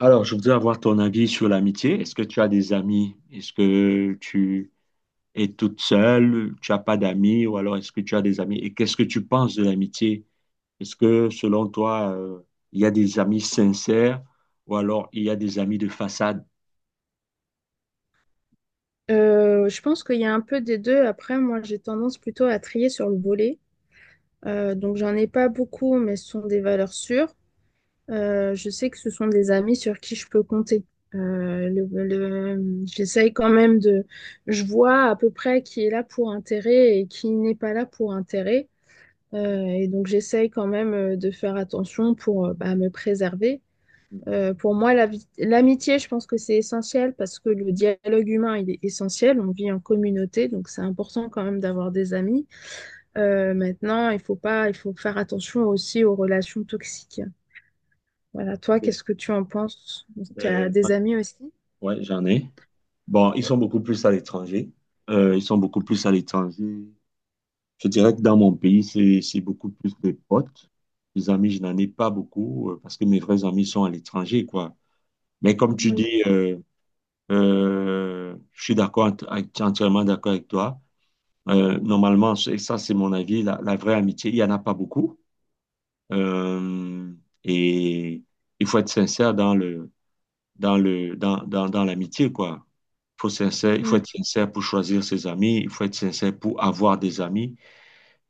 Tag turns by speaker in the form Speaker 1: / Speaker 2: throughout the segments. Speaker 1: Alors, je voudrais avoir ton avis sur l'amitié. Est-ce que tu as des amis? Est-ce que tu es toute seule? Tu n'as pas d'amis? Ou alors, est-ce que tu as des amis? Et qu'est-ce que tu penses de l'amitié? Est-ce que, selon toi, il y a des amis sincères ou alors il y a des amis de façade?
Speaker 2: Je pense qu'il y a un peu des deux. Après, moi, j'ai tendance plutôt à trier sur le volet. Donc, j'en ai pas beaucoup, mais ce sont des valeurs sûres. Je sais que ce sont des amis sur qui je peux compter. J'essaye quand même de. Je vois à peu près qui est là pour intérêt et qui n'est pas là pour intérêt. Et donc, j'essaye quand même de faire attention pour bah, me préserver. Pour moi, l'amitié, je pense que c'est essentiel parce que le dialogue humain, il est essentiel. On vit en communauté, donc c'est important quand même d'avoir des amis. Maintenant, il faut pas, il faut faire attention aussi aux relations toxiques. Voilà, toi, qu'est-ce que tu en penses? Tu as
Speaker 1: Euh,
Speaker 2: des amis aussi?
Speaker 1: ouais, j'en ai. Bon, ils sont beaucoup plus à l'étranger. Ils sont beaucoup plus à l'étranger. Je dirais que dans mon pays, c'est beaucoup plus des potes. Des amis, je n'en ai pas beaucoup parce que mes vrais amis sont à l'étranger, quoi. Mais comme tu
Speaker 2: Oui.
Speaker 1: dis, je suis d'accord, entièrement d'accord avec toi. Normalement, ça c'est mon avis, la vraie amitié, il n'y en a pas beaucoup. Euh, et il faut être sincère dans le, dans le, dans, dans, dans l'amitié, quoi. Il faut
Speaker 2: Mm.
Speaker 1: être sincère pour choisir ses amis, il faut être sincère pour avoir des amis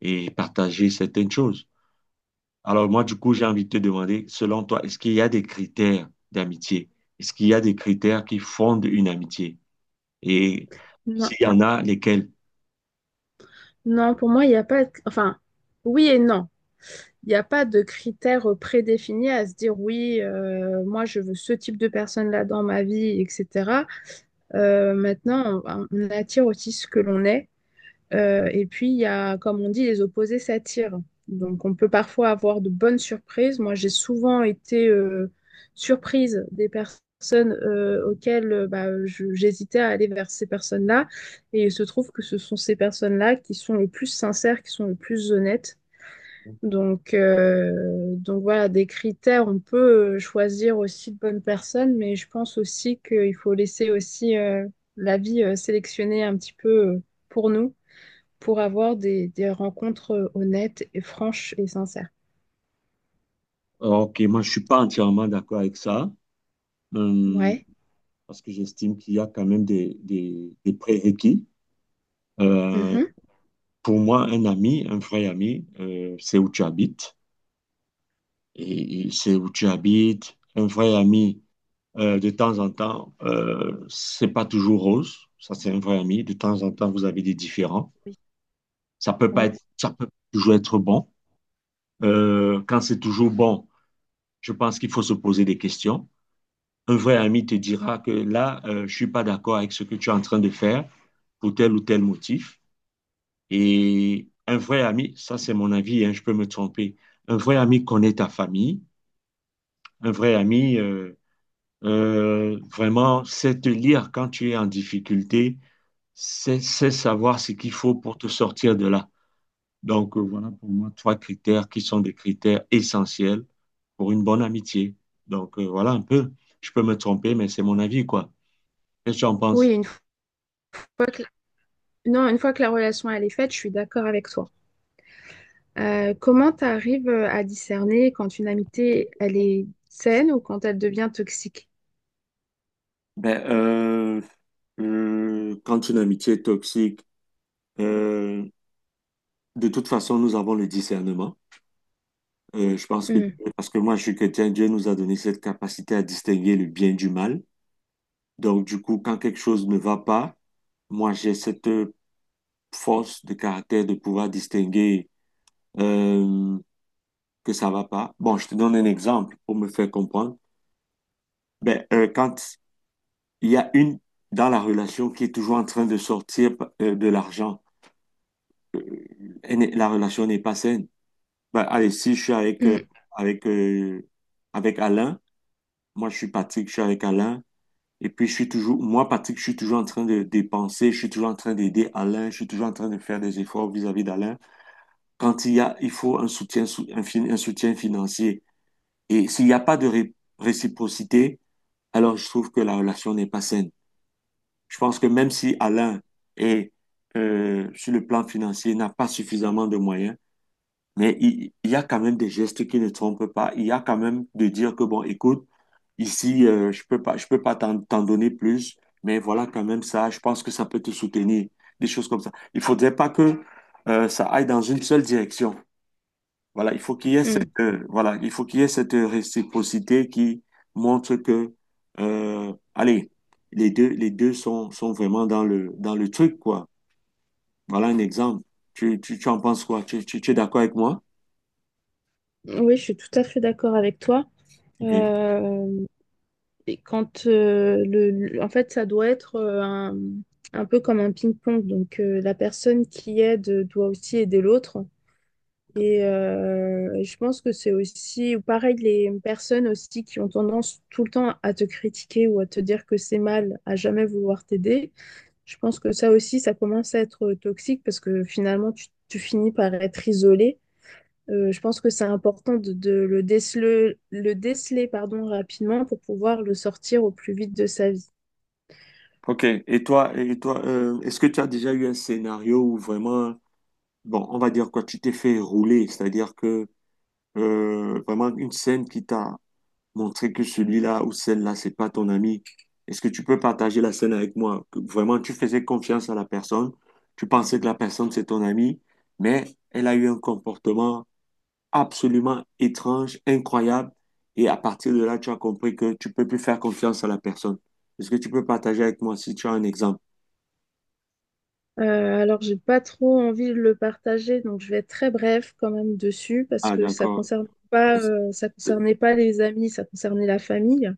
Speaker 1: et partager certaines choses. Alors moi, du coup, j'ai envie de te demander, selon toi, est-ce qu'il y a des critères d'amitié? Est-ce qu'il y a des critères qui fondent une amitié? Et
Speaker 2: Non.
Speaker 1: s'il y en a lesquels,
Speaker 2: Non, pour moi, il n'y a pas, enfin, oui et non. Il n'y a pas de critères prédéfinis à se dire oui, moi je veux ce type de personne là dans ma vie, etc. Maintenant, on attire aussi ce que l'on est. Et puis, il y a, comme on dit, les opposés s'attirent. Donc, on peut parfois avoir de bonnes surprises. Moi, j'ai souvent été surprise des personnes auxquelles bah, j'hésitais à aller vers ces personnes-là. Et il se trouve que ce sont ces personnes-là qui sont les plus sincères, qui sont les plus honnêtes. Donc, euh, donc, voilà, des critères, on peut choisir aussi de bonnes personnes, mais je pense aussi qu'il faut laisser aussi la vie sélectionner un petit peu euh, pour nous, pour avoir des rencontres honnêtes et franches et sincères.
Speaker 1: ok, moi je suis pas entièrement d'accord avec ça, euh,
Speaker 2: Ouais.
Speaker 1: parce que j'estime qu'il y a quand même des prérequis. Euh,
Speaker 2: Mhm.
Speaker 1: pour moi, un ami, un vrai ami, c'est où tu habites. Et c'est où tu habites. Un vrai ami, de temps en temps, c'est pas toujours rose. Ça, c'est un vrai ami. De temps en temps, vous avez des différends.
Speaker 2: Oui,
Speaker 1: Ça peut pas
Speaker 2: oui.
Speaker 1: être, ça peut toujours être bon. Quand c'est toujours bon, je pense qu'il faut se poser des questions. Un vrai ami te dira que là, je ne suis pas d'accord avec ce que tu es en train de faire pour tel ou tel motif. Et un vrai ami, ça c'est mon avis, hein, je peux me tromper, un vrai ami connaît ta famille, un vrai ami vraiment sait te lire quand tu es en difficulté, sait savoir ce qu'il faut pour te sortir de là. Donc voilà pour moi trois critères qui sont des critères essentiels pour une bonne amitié. Donc voilà un peu, je peux me tromper, mais c'est mon avis, quoi. Qu'est-ce que tu en
Speaker 2: Oui,
Speaker 1: penses?
Speaker 2: que, non, une fois que la relation elle est faite, je suis d'accord avec toi. Comment tu arrives à discerner quand une amitié elle est saine ou quand elle devient toxique?
Speaker 1: Ben, euh, Quand une amitié est toxique, euh, de toute façon, nous avons le discernement. Euh, je pense que,
Speaker 2: Hmm,
Speaker 1: Parce que moi, je suis chrétien, Dieu nous a donné cette capacité à distinguer le bien du mal. Donc, du coup, quand quelque chose ne va pas, moi, j'ai cette force de caractère de pouvoir distinguer euh, que ça va pas. Bon, je te donne un exemple pour me faire comprendre. Quand il y a une dans la relation qui est toujours en train de sortir de l'argent, euh, elle n'est- la relation n'est pas saine. Bah, allez, si je suis
Speaker 2: hmm,
Speaker 1: avec, euh, avec Alain, moi je suis Patrick, je suis avec Alain, et puis je suis toujours, moi Patrick, je suis toujours en train de dépenser, je suis toujours en train d'aider Alain, je suis toujours en train de faire des efforts vis-à-vis d'Alain. Quand il y a, il faut un soutien, un soutien financier, et s'il n'y a pas de réciprocité, alors je trouve que la relation n'est pas saine. Je pense que même si Alain est, sur le plan financier, n'a pas suffisamment de moyens, mais il y a quand même des gestes qui ne trompent pas. Il y a quand même de dire que, bon, écoute, ici, je peux pas t'en donner plus, mais voilà quand même ça, je pense que ça peut te soutenir, des choses comme ça. Il faudrait pas que ça aille dans une seule direction. Voilà, il faut qu'il y ait cette,
Speaker 2: hmm.
Speaker 1: il faut qu'il y ait cette réciprocité qui montre que, allez, les deux sont vraiment dans le truc, quoi. Voilà un exemple. Tu en penses quoi? Tu es d'accord avec moi?
Speaker 2: Oui, je suis tout à fait d'accord avec toi.
Speaker 1: Ok.
Speaker 2: Euh, et quand en fait, ça doit être un peu comme un ping-pong. Donc, la personne qui aide doit aussi aider l'autre. Et je pense que c'est aussi, ou pareil, les personnes aussi qui ont tendance tout le temps à te critiquer ou à te dire que c'est mal, à jamais vouloir t'aider. Je pense que ça aussi, ça commence à être toxique parce que finalement, tu finis par être isolé. Je pense que c'est important de le déceler, pardon, rapidement pour pouvoir le sortir au plus vite de sa vie.
Speaker 1: Ok. Et toi, est-ce que tu as déjà eu un scénario où vraiment, bon, on va dire quoi, tu t'es fait rouler, c'est-à-dire que vraiment une scène qui t'a montré que celui-là ou celle-là, c'est pas ton ami. Est-ce que tu peux partager la scène avec moi? Que vraiment, tu faisais confiance à la personne, tu pensais que la personne c'est ton ami, mais elle a eu un comportement absolument étrange, incroyable, et à partir de là, tu as compris que tu peux plus faire confiance à la personne. Est-ce que tu peux partager avec moi si tu as un exemple?
Speaker 2: Euh, alors, j'ai pas trop envie de le partager, donc je vais être très bref quand même dessus parce
Speaker 1: Ah,
Speaker 2: que
Speaker 1: d'accord.
Speaker 2: ça concernait pas les amis, ça concernait la famille.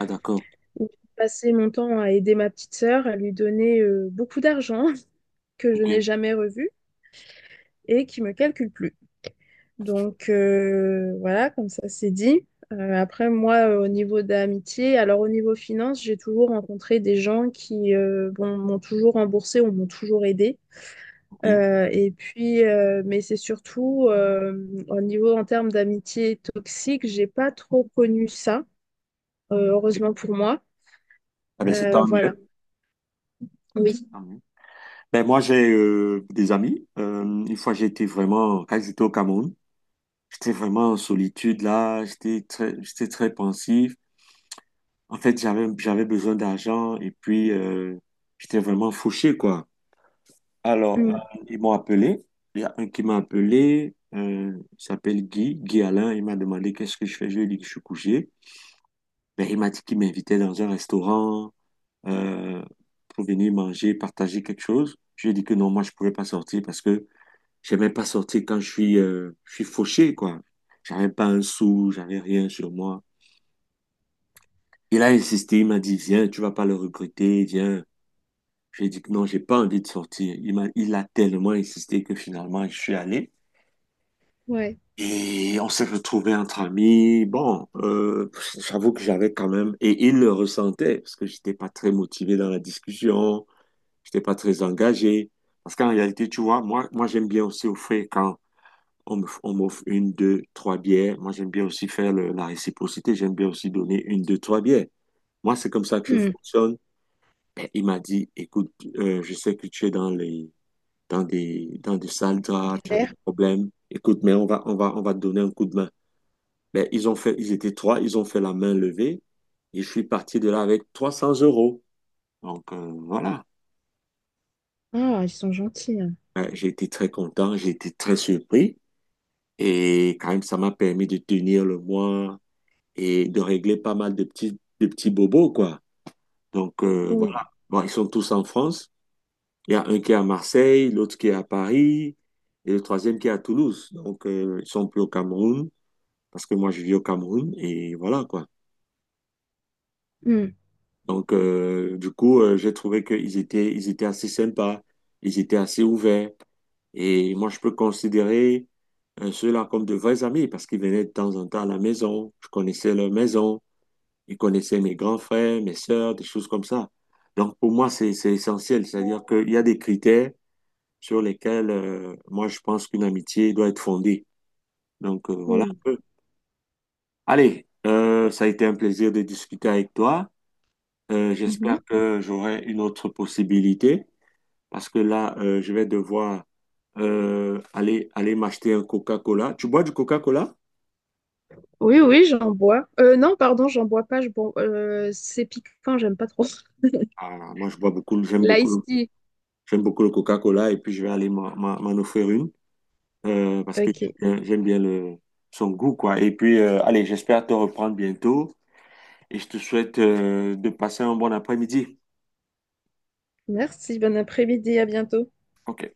Speaker 1: Ah, d'accord.
Speaker 2: Où j'ai passé mon temps à aider ma petite sœur, à lui donner beaucoup d'argent que je
Speaker 1: OK.
Speaker 2: n'ai jamais revu et qui me calcule plus. Donc voilà, comme ça c'est dit. Après, moi, au niveau d'amitié, alors au niveau finance, j'ai toujours rencontré des gens qui bon, m'ont toujours remboursé ou m'ont toujours aidé.
Speaker 1: OK.
Speaker 2: Et puis, mais c'est surtout au niveau en termes d'amitié toxique, j'ai pas trop connu ça,
Speaker 1: Ok.
Speaker 2: heureusement pour moi.
Speaker 1: Ah, ben, c'est tant
Speaker 2: Voilà.
Speaker 1: mieux.
Speaker 2: Oui.
Speaker 1: Tant mieux. Ben, moi, j'ai des amis. Une fois, j'étais vraiment, quand j'étais au Cameroun, j'étais vraiment en solitude là. J'étais très pensif. En fait, j'avais besoin d'argent et puis j'étais vraiment fauché, quoi. Alors,
Speaker 2: Mm.
Speaker 1: ils m'ont appelé. Il y a un qui m'a appelé. Il s'appelle Guy. Guy Alain. Il m'a demandé qu'est-ce que je fais. Je lui ai dit que je suis couché. Ben, il m'a dit qu'il m'invitait dans un restaurant, euh, pour venir manger, partager quelque chose. Je lui ai dit que non, moi, je ne pouvais pas sortir parce que j'aimais pas sortir quand je je suis fauché, quoi. J'avais pas un sou, j'avais rien sur moi. Il a insisté, il m'a dit, viens, tu vas pas le regretter, viens. J'ai dit que non, j'ai pas envie de sortir. Il a tellement insisté que finalement, je suis allé.
Speaker 2: Ouais.
Speaker 1: Et on s'est retrouvés entre amis. Bon, j'avoue que j'avais quand même, et il le ressentait, parce que j'étais pas très motivé dans la discussion. J'étais pas très engagé. Parce qu'en réalité, tu vois, moi j'aime bien aussi offrir quand on m'offre une, deux, trois bières. Moi, j'aime bien aussi faire la réciprocité. J'aime bien aussi donner une, deux, trois bières. Moi, c'est comme ça que je
Speaker 2: Mm.
Speaker 1: fonctionne. Mais il m'a dit, écoute, je sais que tu es dans des sales draps, tu as des
Speaker 2: Galère.
Speaker 1: problèmes. Écoute, mais on va te donner un coup de main. Ben, ils ont fait, ils étaient trois, ils ont fait la main levée et je suis parti de là avec 300 euros. Donc, voilà.
Speaker 2: Ah, ils sont gentils, hein.
Speaker 1: J'ai été très content, j'ai été très surpris. Et quand même, ça m'a permis de tenir le mois et de régler pas mal de petits bobos, quoi. Donc, voilà.
Speaker 2: Oui.
Speaker 1: Bon, ils sont tous en France. Il y a un qui est à Marseille, l'autre qui est à Paris et le troisième qui est à Toulouse. Donc, ils sont plus au Cameroun parce que moi, je vis au Cameroun et voilà, quoi.
Speaker 2: Mm.
Speaker 1: Donc, j'ai trouvé ils étaient assez sympas, ils étaient assez ouverts. Et moi, je peux considérer ceux-là comme de vrais amis parce qu'ils venaient de temps en temps à la maison. Je connaissais leur maison. Il connaissait mes grands frères, mes sœurs, des choses comme ça. Donc, pour moi, c'est essentiel. C'est-à-dire qu'il y a des critères sur lesquels, moi, je pense qu'une amitié doit être fondée. Donc, voilà un
Speaker 2: Oui.
Speaker 1: peu. Allez, ça a été un plaisir de discuter avec toi. J'espère
Speaker 2: Mmh.
Speaker 1: que j'aurai une autre possibilité parce que là, je vais devoir aller m'acheter un Coca-Cola. Tu bois du Coca-Cola?
Speaker 2: Oui, oui, j'en bois. Non, pardon, j'en bois pas. Je bois, c'est piquant, j'aime pas trop.
Speaker 1: Ah, moi, je bois beaucoup, j'aime
Speaker 2: L'ice
Speaker 1: beaucoup,
Speaker 2: tea.
Speaker 1: j'aime beaucoup le Coca-Cola et puis je vais aller m'en offrir une, parce que
Speaker 2: Ok.
Speaker 1: j'aime bien son goût, quoi. Et puis, allez, j'espère te reprendre bientôt et je te souhaite de passer un bon après-midi.
Speaker 2: Merci, bon après-midi, à bientôt.
Speaker 1: OK.